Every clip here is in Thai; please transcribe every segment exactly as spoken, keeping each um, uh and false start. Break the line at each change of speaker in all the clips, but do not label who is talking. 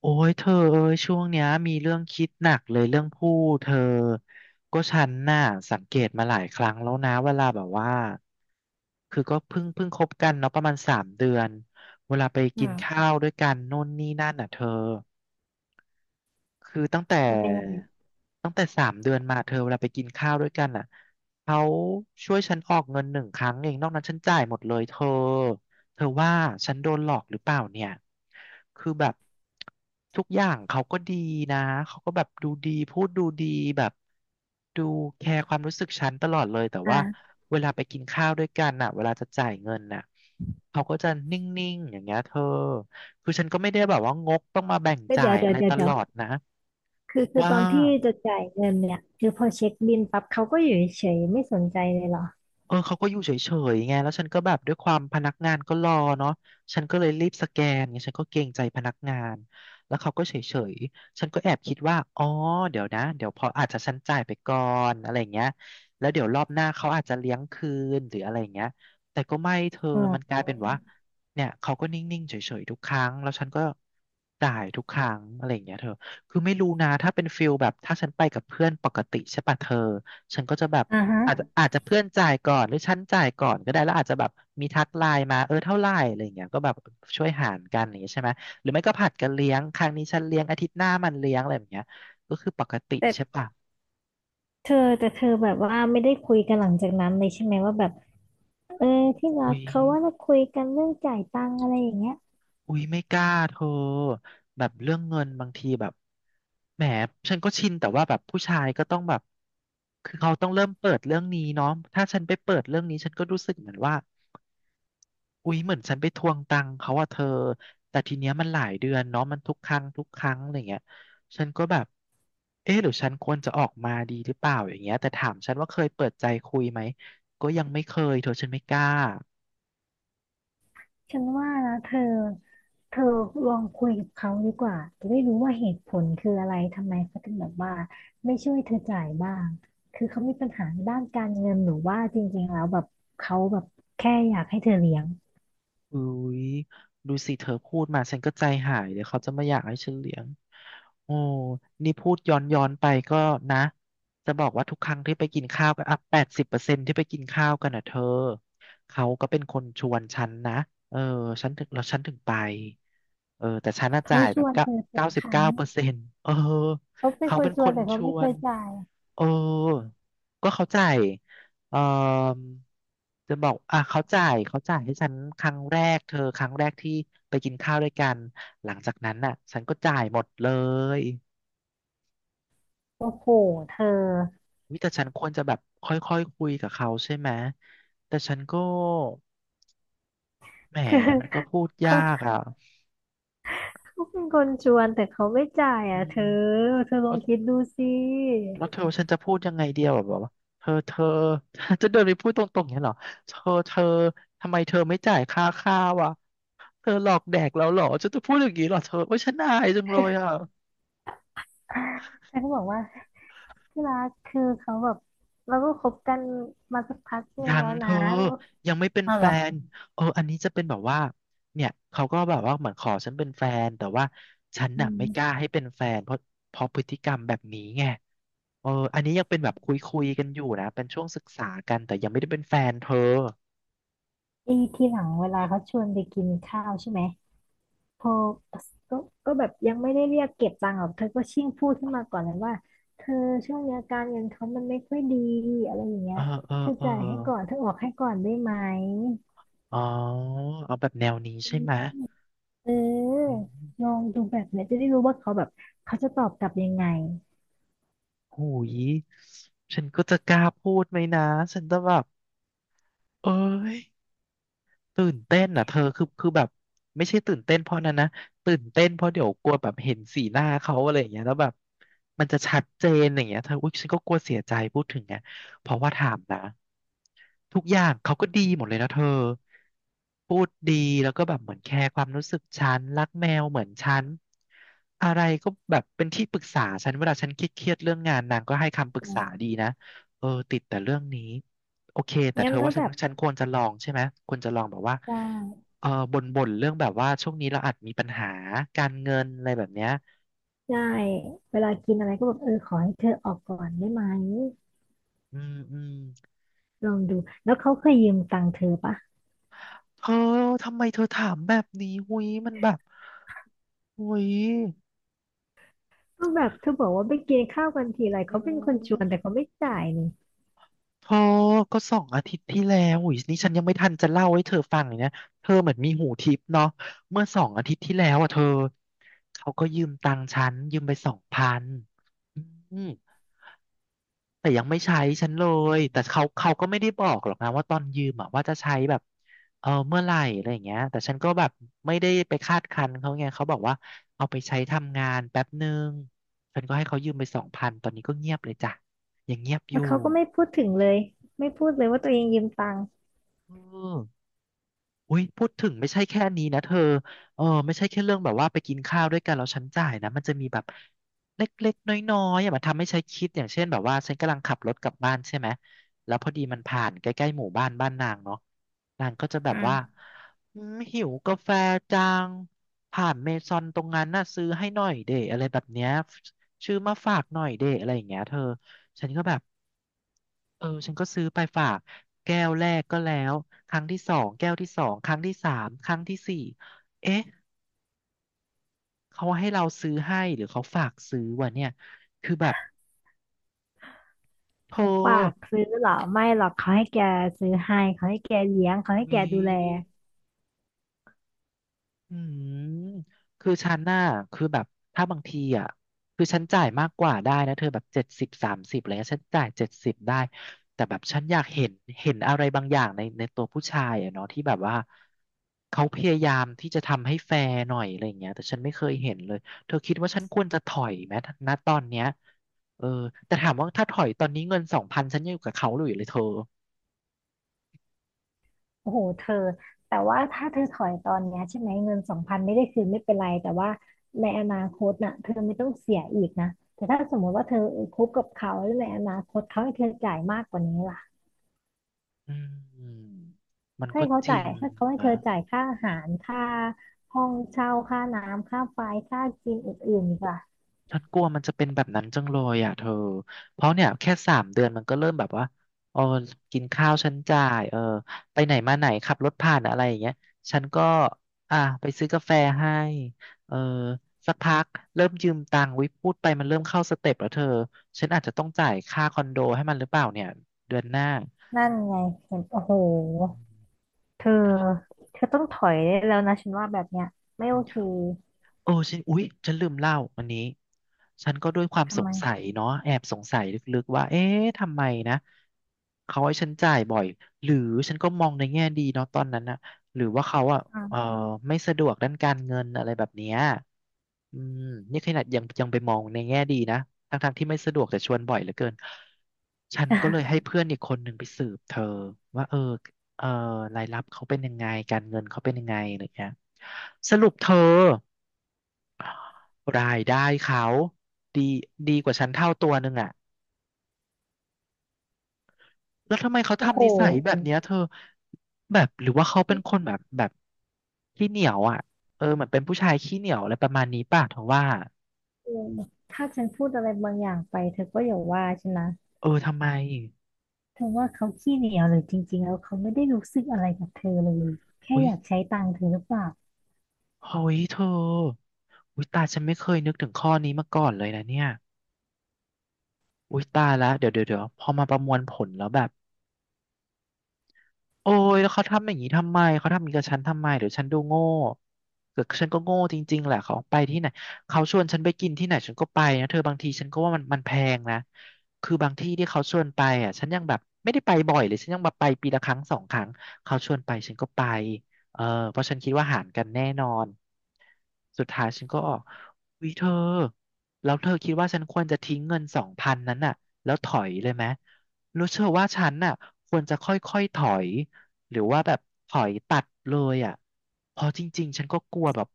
โอ้ยเธอเอ้ยช่วงเนี้ยมีเรื่องคิดหนักเลยเรื่องผู้เธอก็ฉันน่ะสังเกตมาหลายครั้งแล้วนะเวลาแบบว่าคือก็เพิ่งเพิ่งคบกันเนาะประมาณสามเดือนเวลาไปกิน
อืะ
ข้าวด้วยกันนู่นนี่นั่นอ่ะเธอ คือตั้งแต่
มันเป็นยังไง
ตั้งแต่สามเดือนมาเธอเวลาไปกินข้าวด้วยกันอ่ะเขาช่วยฉันออกเงินหนึ่งครั้งเองนอกนั้นฉันจ่ายหมดเลยเธอเธอว่าฉันโดนหลอกหรือเปล่าเนี่ยคือแบบทุกอย่างเขาก็ดีนะเขาก็แบบดูดีพูดดูดีแบบดูแคร์ความรู้สึกฉันตลอดเลยแต่
อ่
ว่า
า
เวลาไปกินข้าวด้วยกันน่ะเวลาจะจ่ายเงินน่ะเขาก็จะนิ่งๆอย่างเงี้ยเธอคือฉันก็ไม่ได้แบบว่างกต้องมาแบ่ง
แล้ว
จ่า
เดี๋ย
ย
วเดี๋ย
อะ
ว
ไร
เดี๋
ต
ยวเดี๋
ล
ยว
อดนะ
คือคือ
ว่า
ตอนที่จะจ่ายเงินเนี่ยคือพอเช็คบิลปั๊บเขาก็อยู่เฉยๆไม่สนใจเลยเหรอ
เออเขาก็อยู่เฉยๆไงแล้วฉันก็แบบด้วยความพนักงานก็รอเนาะฉันก็เลยรีบสแกนไงฉันก็เกรงใจพนักงานแล้วเขาก็เฉยๆฉันก็แอบคิดว่าอ๋อเดี๋ยวนะเดี๋ยวพออาจจะฉันจ่ายไปก่อนอะไรอย่างเงี้ยแล้วเดี๋ยวรอบหน้าเขาอาจจะเลี้ยงคืนหรืออะไรอย่างเงี้ยแต่ก็ไม่เธอ
อือ
มันกลายเป็นว่าเนี่ยเขาก็นิ่งๆเฉยๆทุกครั้งแล้วฉันก็จ่ายทุกครั้งอะไรอย่างเงี้ยเธอคือไม่รู้นะถ้าเป็นฟิลแบบถ้าฉันไปกับเพื่อนปกติใช่ป่ะเธอฉันก็จะแบบ
อ่าฮะ
อาจจะอาจจะเพื่อนจ่ายก่อนหรือฉันจ่ายก่อนก็ได้แล้วอาจจะแบบมีทักไลน์มาเออเท่าไหร่อะไรอย่างเงี้ยก็แบบช่วยหารกันอย่างเงี้ยใช่ไหมหรือไม่ก็ผัดกันเลี้ยงครั้งนี้ฉันเลี้ยงอาทิตย์หน้ามันเลี้ยงอะไรแบบเนี้ยก็คือปกติ
แต่
ใช่ปะ
เธอ แต่เธอแบบว่าไม่ได้คุยกันหลังจากนั้นเลยใช่ไหมว่าแบบเออที่รั
อุ๊
ก
ย
เขาว่าเราคุยกันเรื่องจ่ายตังค์อะไรอย่างเงี้ย
อุ๊ยไม่กล้าเธอแบบเรื่องเงินบางทีแบบแหมฉันก็ชินแต่ว่าแบบผู้ชายก็ต้องแบบคือเขาต้องเริ่มเปิดเรื่องนี้เนาะถ้าฉันไปเปิดเรื่องนี้ฉันก็รู้สึกเหมือนว่า อุ๊ยเหมือนฉันไปทวงตังค์เขาอะเธอแต่ทีเนี้ยมันหลายเดือนเนาะมันทุกครั้งทุกครั้งอะไรเงี้ยฉันก็แบบเอ๊ะหรือฉันควรจะออกมาดีหรือเปล่าอย่างเงี้ยแต่ถามฉันว่าเคยเปิดใจคุยไหมก็ยังไม่เคยเธอฉันไม่กล้า
ฉันว่านะเธอ เธอลองคุยกับเขาดีกว่าจะได้รู้ว่าเหตุผลคืออะไรทำไมเขาถึงแบบว่าไม่ช่วยเธอจ่ายบ้างคือเขามีปัญหาในด้านการเงินหรือว่าจริงๆแล้วแบบเขาแบบแค่อยากให้เธอเลี้ยง
อุ้ยดูสิเธอพูดมาฉันก็ใจหายเดี๋ยวเขาจะไม่อยากให้ฉันเลี้ยงโอ้นี่พูดย้อนย้อนไปก็นะจะบอกว่าทุกครั้งที่ไปกินข้าวกันอ่ะแปดสิบเปอร์เซ็นที่ไปกินข้าวกันอ่ะเธอเขาก็เป็นคนชวนฉันนะเออฉันถึงแล้วฉันถึงไปเออแต่ฉันน่ะ
เขา
จ่าย
ช
แบบ
วน
เก้า
เธอทุก
เก้าสิ
ค
บ
รั้
เก้า
ง
เปอร์เซ็นต์เออ
เขาเป็น
เขา
คน
เป็น
ช
ค
วน
น
แต่
ช
เขาไม่
ว
เค
น
ยจ่าย
เออก็เขาจ่าย เออจะบอกอ่ะเขาจ่ายเขาจ่ายให้ฉันครั้งแรกเธอครั้งแรกที่ไปกินข้าวด้วยกันหลังจากนั้นน่ะฉันก็จ่ายหมดเลย
โอ้โหเธอ
วิแต่ฉันควรจะแบบค่อยๆคคุยกับเขาใช่ไหมแต่ฉันก็แหม
คือ
มันก็พูดยา
เขา
กอ่ะ
เขาเป็นคนชวนแต่เขาไม่จ่าย
อื
อ่ะ
ม
เธอเธอล
เอา
องคิดดูสิ
แล้วเธอฉันจะพูดยังไงเดียวแบบว่าเธอเธอ จะเดินไปพูดตรงๆอย่างนี้ยเหรอเธอเธอทำไมเธอไม่จ่ายค่าข้าวอ่ะเธอหลอกแดกเราเหรอฉันจะพูดอย่างนี้เหรอเธอโอ้ยฉันอายจังเลยอ่ะ
เธอก็บอกว่าที่รักคือเขาแบบเราก็คบกันมาสักพักหนึ่
ยั
ง
ง
แล้ว
เธ
นะ
อ
เรา
ยังไม่เป็น
อ้าว
แฟ
เหรอ
นเอออันนี้จะเป็นแบบว่าเนี่ยเขาก็แบบว่าเหมือนขอฉันเป็นแฟนแต่ว่าฉัน
อื
น่ะไม่กล้า
ม
ให้เป็นแฟนเพราะเพราะพฤติกรรมแบบนี้ไงเอออันนี้ยังเป็นแบบคุยคุยกันอยู่นะเป็นช่วงศึกษากันแต่ยังไม่ได้เป็นแฟนเธอ
ไอ้ที่หลังเวลาเขาชวนไปกินข้าวใช่ไหมพอก็ก็แบบยังไม่ได้เรียกเก็บตังค์หรอกเธอก็ชิ่งพูดขึ้นมาก่อนเลยว่า เธอช่วงนี้อาการเงินเขามันไม่ค่อยดีอะไรอย่างเงี้
เอ
ย
อเออ
เธอ
เออ
จ่ายให้ก่อนเธอออกให้ก่อนได้ไหม
อ๋อเอาแบบแนวนี้ใช่ไหม
เ
อื
ออ
ม
ลองดูแบบเนี้ยจะได้รู้ว่าเขาแบบเขาจะตอบกลับยังไง
โหยฉันก็จะกล้าพูดไหมนะฉันจะแบบเอ้ย ตื่นเต้นอ่ะเธอคือคือแบบไม่ใช่ตื่นเต้นเพราะนั้นนะตื่นเต้นเพราะเดี๋ยวกลัวแบบเห็นสีหน้าเขาอะไรอย่างเงี้ยแล้วแบบมันจะชัดเจนอย่างเงี้ยเธออุ๊ยฉันก็กลัวเสียใจพูดถึงไงเพราะว่าถามนะทุกอย่างเขาก็ดีหมดเลยนะเธอพูดดีแล้วก็แบบเหมือนแคร์ความรู้สึกฉันรักแมวเหมือนฉันอะไรก็แบบเป็นที่ปรึกษาฉันเวลาฉันเครียดๆเรื่องงานนางก็ให้คำปรึกษาดีนะ เออติดแต่เรื่องนี้โอเคแต่เธ
งั้น
อ
แล้
ว่า
ว
ฉั
แบ
น
บ
ฉันควรจะลองใช่ไหมควรจะลองแบบว่า
ได้
เออบ่นบ่นเรื่องแบบว่าช่วงนี้เราอาจมีปัญหาการเงินอะไรแบบเนี้ย
ได้เวลากินอะไรก็แบบเออขอให้เธอออกก่อนได้ไหม
อืมอืม
ลองดูแล้วเขาเคยยืมตังค์เธอปะ
เธอทำไมเธอถามแบบนี้หุยมันแบบหุย
ก็แบบเธอบอกว่าไปกินข้าวกันทีไร
อื
เขาเป็นคนชวนแต่
ม
เขาไม่จ่ายนี่
เธอก็สองอาทิตย์ที่แล้วหุยนี่ฉันยังไม่ทันจะเล่าให้เธอฟังเลยนะเธอเหมือนมีหูทิพย์เนาะเมื่อสองอาทิตย์ที่แล้วอ่ะเธอเขาก็ยืมตังค์ฉันยืมไปสองพันอืม แต่ยังไม่ใช้ฉันเลย แต่เขาเขาก็ไม่ได้บอกหรอกนะว่าตอนยืมอะว่าจะใช้แบบเออเมื่อไหร่อะไรอย่างเงี้ยแต่ฉันก็แบบไม่ได้ไปคาดคั้นเขาไง เขาบอกว่าเอาไปใช้ทำงานแป๊บหนึ่งฉันก็ให้เขายืมไปสองพันตอนนี้ก็เงียบเลยจ้ะยังเงียบอ
แล้
ยู่
วเขาก็ไม่พูดถึงเลยไม่พูดเลยว่าตัวเองยืมตังค์
เออ อุ้ยพูดถึงไม่ใช่แค่นี้นะเธอเออไม่ใช่แค่เรื่องแบบว่าไปกินข้าวด้วยกันแล้วฉันจ่ายนะมันจะมีแบบเล็กๆน้อยๆอย่ามาทำให้ฉันคิดอย่างเช่นแบบว่าฉันกำลังขับรถกลับบ้านใช่ไหมแล้วพอดีมันผ่านใกล้ๆหมู่บ้านบ้านนางเนาะนางก็จะแบ
อื
บว่า
ม
อืมหิวกาแฟจังผ่านเมซอนตรงนั้นน่ะซื้อให้หน่อยเดอะไรแบบเนี้ยชื่อมาฝากหน่อยเดอะไรอย่างเงี้ยเธอฉันก็แบบ เออฉันก็ซื้อไปฝากแก้วแรกก็แล้วครั้งที่สองแก้วที่สองครั้งที่สามครั้งที่สี่เอ๊ะเขาให้เราซื้อให้หรือเขาฝากซื้อวะเนี่ยคือแบบโธ่
เขาฝากซื้อเหรอไม่หรอกเขาให้แกซื้อให้เขาให้แกเลี้ยงเขาให้
อุ๊
แก
ย
ดูแล
อืมคือฉันน่ะคือแบบถ้าบางทีอ่ะคือฉันจ่ายมากกว่าได้นะเธอแบบเจ็ดสิบสามสิบอะไรเงี้ยฉันจ่ายเจ็ดสิบได้ แต่แบบฉันอยากเห็นเห็นอะไรบางอย่างในในตัวผู้ชายอ่ะเนาะที่แบบว่าเขาพยายามที่จะทำให้แฟร์หน่อยอะไรเงี้ยแต่ฉันไม่เคยเห็นเลยเธอคิดว่าฉันควรจะถอยไหมณตอนเนี้ยเออแต่ถามว่าถ้าถอยตอนนี้เงินสองพันฉันยังอยู่กับเขาอยู่เลยเธอ
โอ้โหเธอแต่ว่าถ้าเธอถอยตอนเนี้ยใช่ไหมเงินสองพันไม่ได้คืนไม่เป็นไรแต่ว่าในอนาคตน่ะเธอไม่ต้องเสียอีกนะแต่ถ้าสมมติว่าเธอคบกับเขาหรือในอนาคตเขาให้เธอจ่ายมากกว่านี้ล่ะ
อืมมัน
ให้
ก็
เขา
จริ
จ่าย
ง
ให้เขาให้เธ
นะ
อจ่ายค่าอาหารค่าห้องเช่าค่าน้ำค่าไฟค่ากินอื่นๆดีกว่า
ฉันกลัวมันจะเป็นแบบนั้นจังเลยอ่ะเธอเพราะเนี่ยแค่สามเดือนมันก็เริ่มแบบว่าเออกินข้าวฉันจ่ายเออไปไหนมาไหนขับรถผ่านอะไรอย่างเงี้ยฉันก็อ่ะไปซื้อกาแฟให้เออสักพักเริ่มยืมตังค์วิพูดไปมันเริ่มเข้าสเต็ปแล้วเธอฉันอาจจะต้องจ่ายค่าคอนโดให้มันหรือเปล่าเนี่ยเดือนหน้า
นั่นไงเห็นโอ้โหเธอเธอต้องถอยได้แล้วนะฉันว่าแบบเนี้ยไม่
อื
โอเค
ม โอ้ฉันอุ๊ยฉันลืมเล่าอันนี้ฉันก็ด้วยความส
ทำไม
งสัยเนาะแอบสงสัยลึกๆว่าเอ๊ะทำไมนะเขาให้ฉันจ่ายบ่อยหรือฉันก็มองในแง่ดีเนาะตอนนั้นนะหรือว่าเขาอ่ะเออ
อ่ะ
ไม่สะดวกด้านการเงินอะไรแบบเนี้ยอืมนี่ขนาดยังยังไปมองในแง่ดีนะทั้งๆที่ไม่สะดวกแต่ชวนบ่อยเหลือเกินฉันก็เลยให้ เพื่อนอีกคนหนึ่งไปสืบเธอว่าเออเออรายรับเขาเป็นยังไงการเงินเขาเป็นยังไงอะไรเงี้ยสรุปเธอ รายได้เขาดีดีกว่าฉันเท่าตัวหนึงอ่ะแล้วทำไมเขา
โอ้โห
ทำนิสัยแบบเนี้ยเธอแบบหรือว่าเขาเป็นคนแบบแบบขี้เหนียวอ่ะเออเหมือนเป็นผู้ชายขี้เหนียวอะไรประมาณนี้ป่ะเธอว่า
เออถ้าฉันพูดอะไรบางอย่างไปเธอก็อย่าว่าฉันนะ
เออทำไม
เธอว่าเขาขี้เหนียวหรือจริงๆแล้วเขาไม่ได้รู้สึกอะไรกับเธอเลยแค่
อุ้ย
อยากใช้ตังค์เธอหรือเปล่า
เฮ้ยเธออุ้ยตายฉันไม่เคยนึกถึงข้อนี้มาก่อนเลยนะเนี่ยอุ้ยตายแล้วเดี๋ยวเดี๋ยวเดี๋ยวพอมาประมวลผลแล้วแบบ โอ้ยแล้วเขาทำอย่างนี้ทำไมเขาทำอย่างนี้กับฉันทำไมเดี๋ยวฉันดูโง่เกิดฉันก็โง่จริงๆแหละเขาไปที่ไหนเขาชวนฉันไปกินที่ไหนฉันก็ไปนะเธอบางทีฉันก็ว่ามันมันแพงนะคือบางที่ที่เขาชวนไปอ่ะฉันยังแบบไม่ได้ไปบ่อยเลยฉันยังแบบไปปีละครั้งสองครั้งเขาชวนไปฉันก็ไปเออเพราะฉันคิดว่าหารกันแน่นอนสุดท้ายฉันก็ออกวิเธอแล้วเธอคิดว่าฉันควรจะทิ้งเงินสองพันนั้นน่ะแล้วถอยเลยไหมรู้เธอว่าฉันน่ะควรจะค่อยๆถอย หรือว่าแบบถอยตัดเลยอ่ะเพอจริงๆฉันก็กลัวแบบ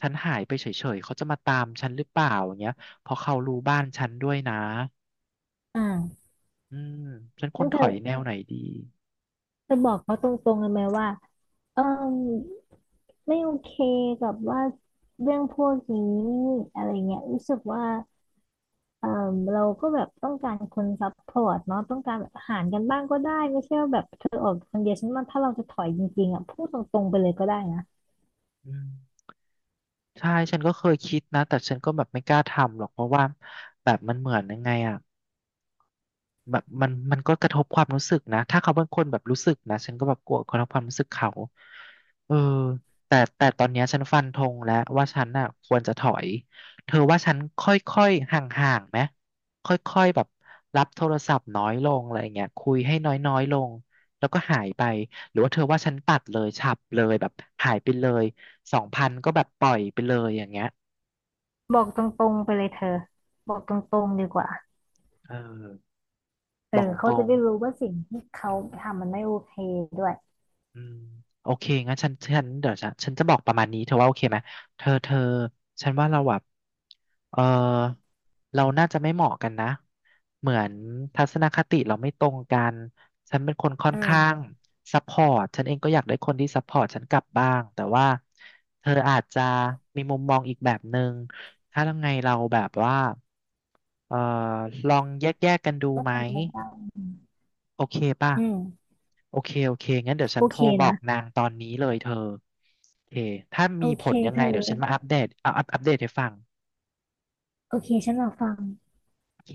ฉันหายไปเฉยๆเขาจะมาตามฉันหรือเปล่าอย่างเงี้ยเพอเขารู้บ้านฉันด้วยนะ
อ่า
อืมฉันคว
งั้
ร
น
ถ
เธ
อ
อ
ยแนวไหนดี
จะบอกเขาตรงๆเลยไหมว่าเออไม่โอเคกับว่าเรื่องพวกนี้อะไรเงี้ยรู้สึกว่าเออเราก็แบบต้องการคนซัพพอร์ตเนาะต้องการแบบหารกันบ้างก็ได้ไม่ใช่ว่าแบบเธอออกคนเดียวฉันมาถ้าเราจะถอยจริงๆอ่ะพูดตรงๆไปเลยก็ได้นะ
อืมใช่ฉันก็เคยคิดนะแต่ฉันก็แบบไม่กล้าทำหรอกเพราะว่าแบบมันเหมือนยังไงอ่ะ แบบมันมันก็กระทบความรู้สึกนะถ้าเขาเป็นคนแบบรู้สึกนะฉันก็แบบกลัวกระทบความรู้สึกเขาเออแต่แต่ตอนเนี้ยฉันฟันธงแล้วว่าฉันน่ะควรจะถอยเธอว่าฉันค่อยๆห่างๆไหมค่อยๆแบบรับโทรศัพท์น้อยลงอะไรเงี้ยคุยให้น้อยๆลงแล้วก็หายไปหรือว่าเธอว่าฉันตัดเลยฉับเลยแบบหายไปเลยสองพันก็แบบปล่อยไปเลยอย่างเงี้ย
บอกตรงๆไปเลยเธอบอกตรงๆดีกว่า
เออ
เอ
บอ
อ
กต
เขา
ร
จะ
ง
ได้รู้ว่าสิ่งที่เขาทำมันไม่โอเคด้วย
อืมโอเคงั้นฉันฉันเดี๋ยวฉันฉันจะบอกประมาณนี้เธอว่าโอเคไหมเธอเธอฉันว่าเราแบบเออเราน่าจะไม่เหมาะกันนะเหมือนทัศนคติเราไม่ตรงกันฉันเป็นคนค่อน
อื
ข้าง
ม
ซัพพอร์ตฉันเองก็อยากได้คนที่ซัพพอร์ตฉันกลับบ้างแต่ว่าเธออาจจะมีมุมมองอีกแบบหนึ่งถ้ายังไงเราแบบว่าเออลองแยกๆกกันดู
ก็
ไหม
ทำไม่ได้
โอเคป่ะ
อืม
โอเค โอเค งั้นเดี๋ยวฉั
โอ
นโท
เค
รบอ
นะ
กนางตอนนี้เลยเธอโอเคถ้า
โอ
มีผ
เค
ลยัง
เธ
ไง
อ
เดี๋ยวฉันมาอัปเดตเอาอัปอัปเดตให้ฟัง
โอเคฉันรอฟัง
โอเค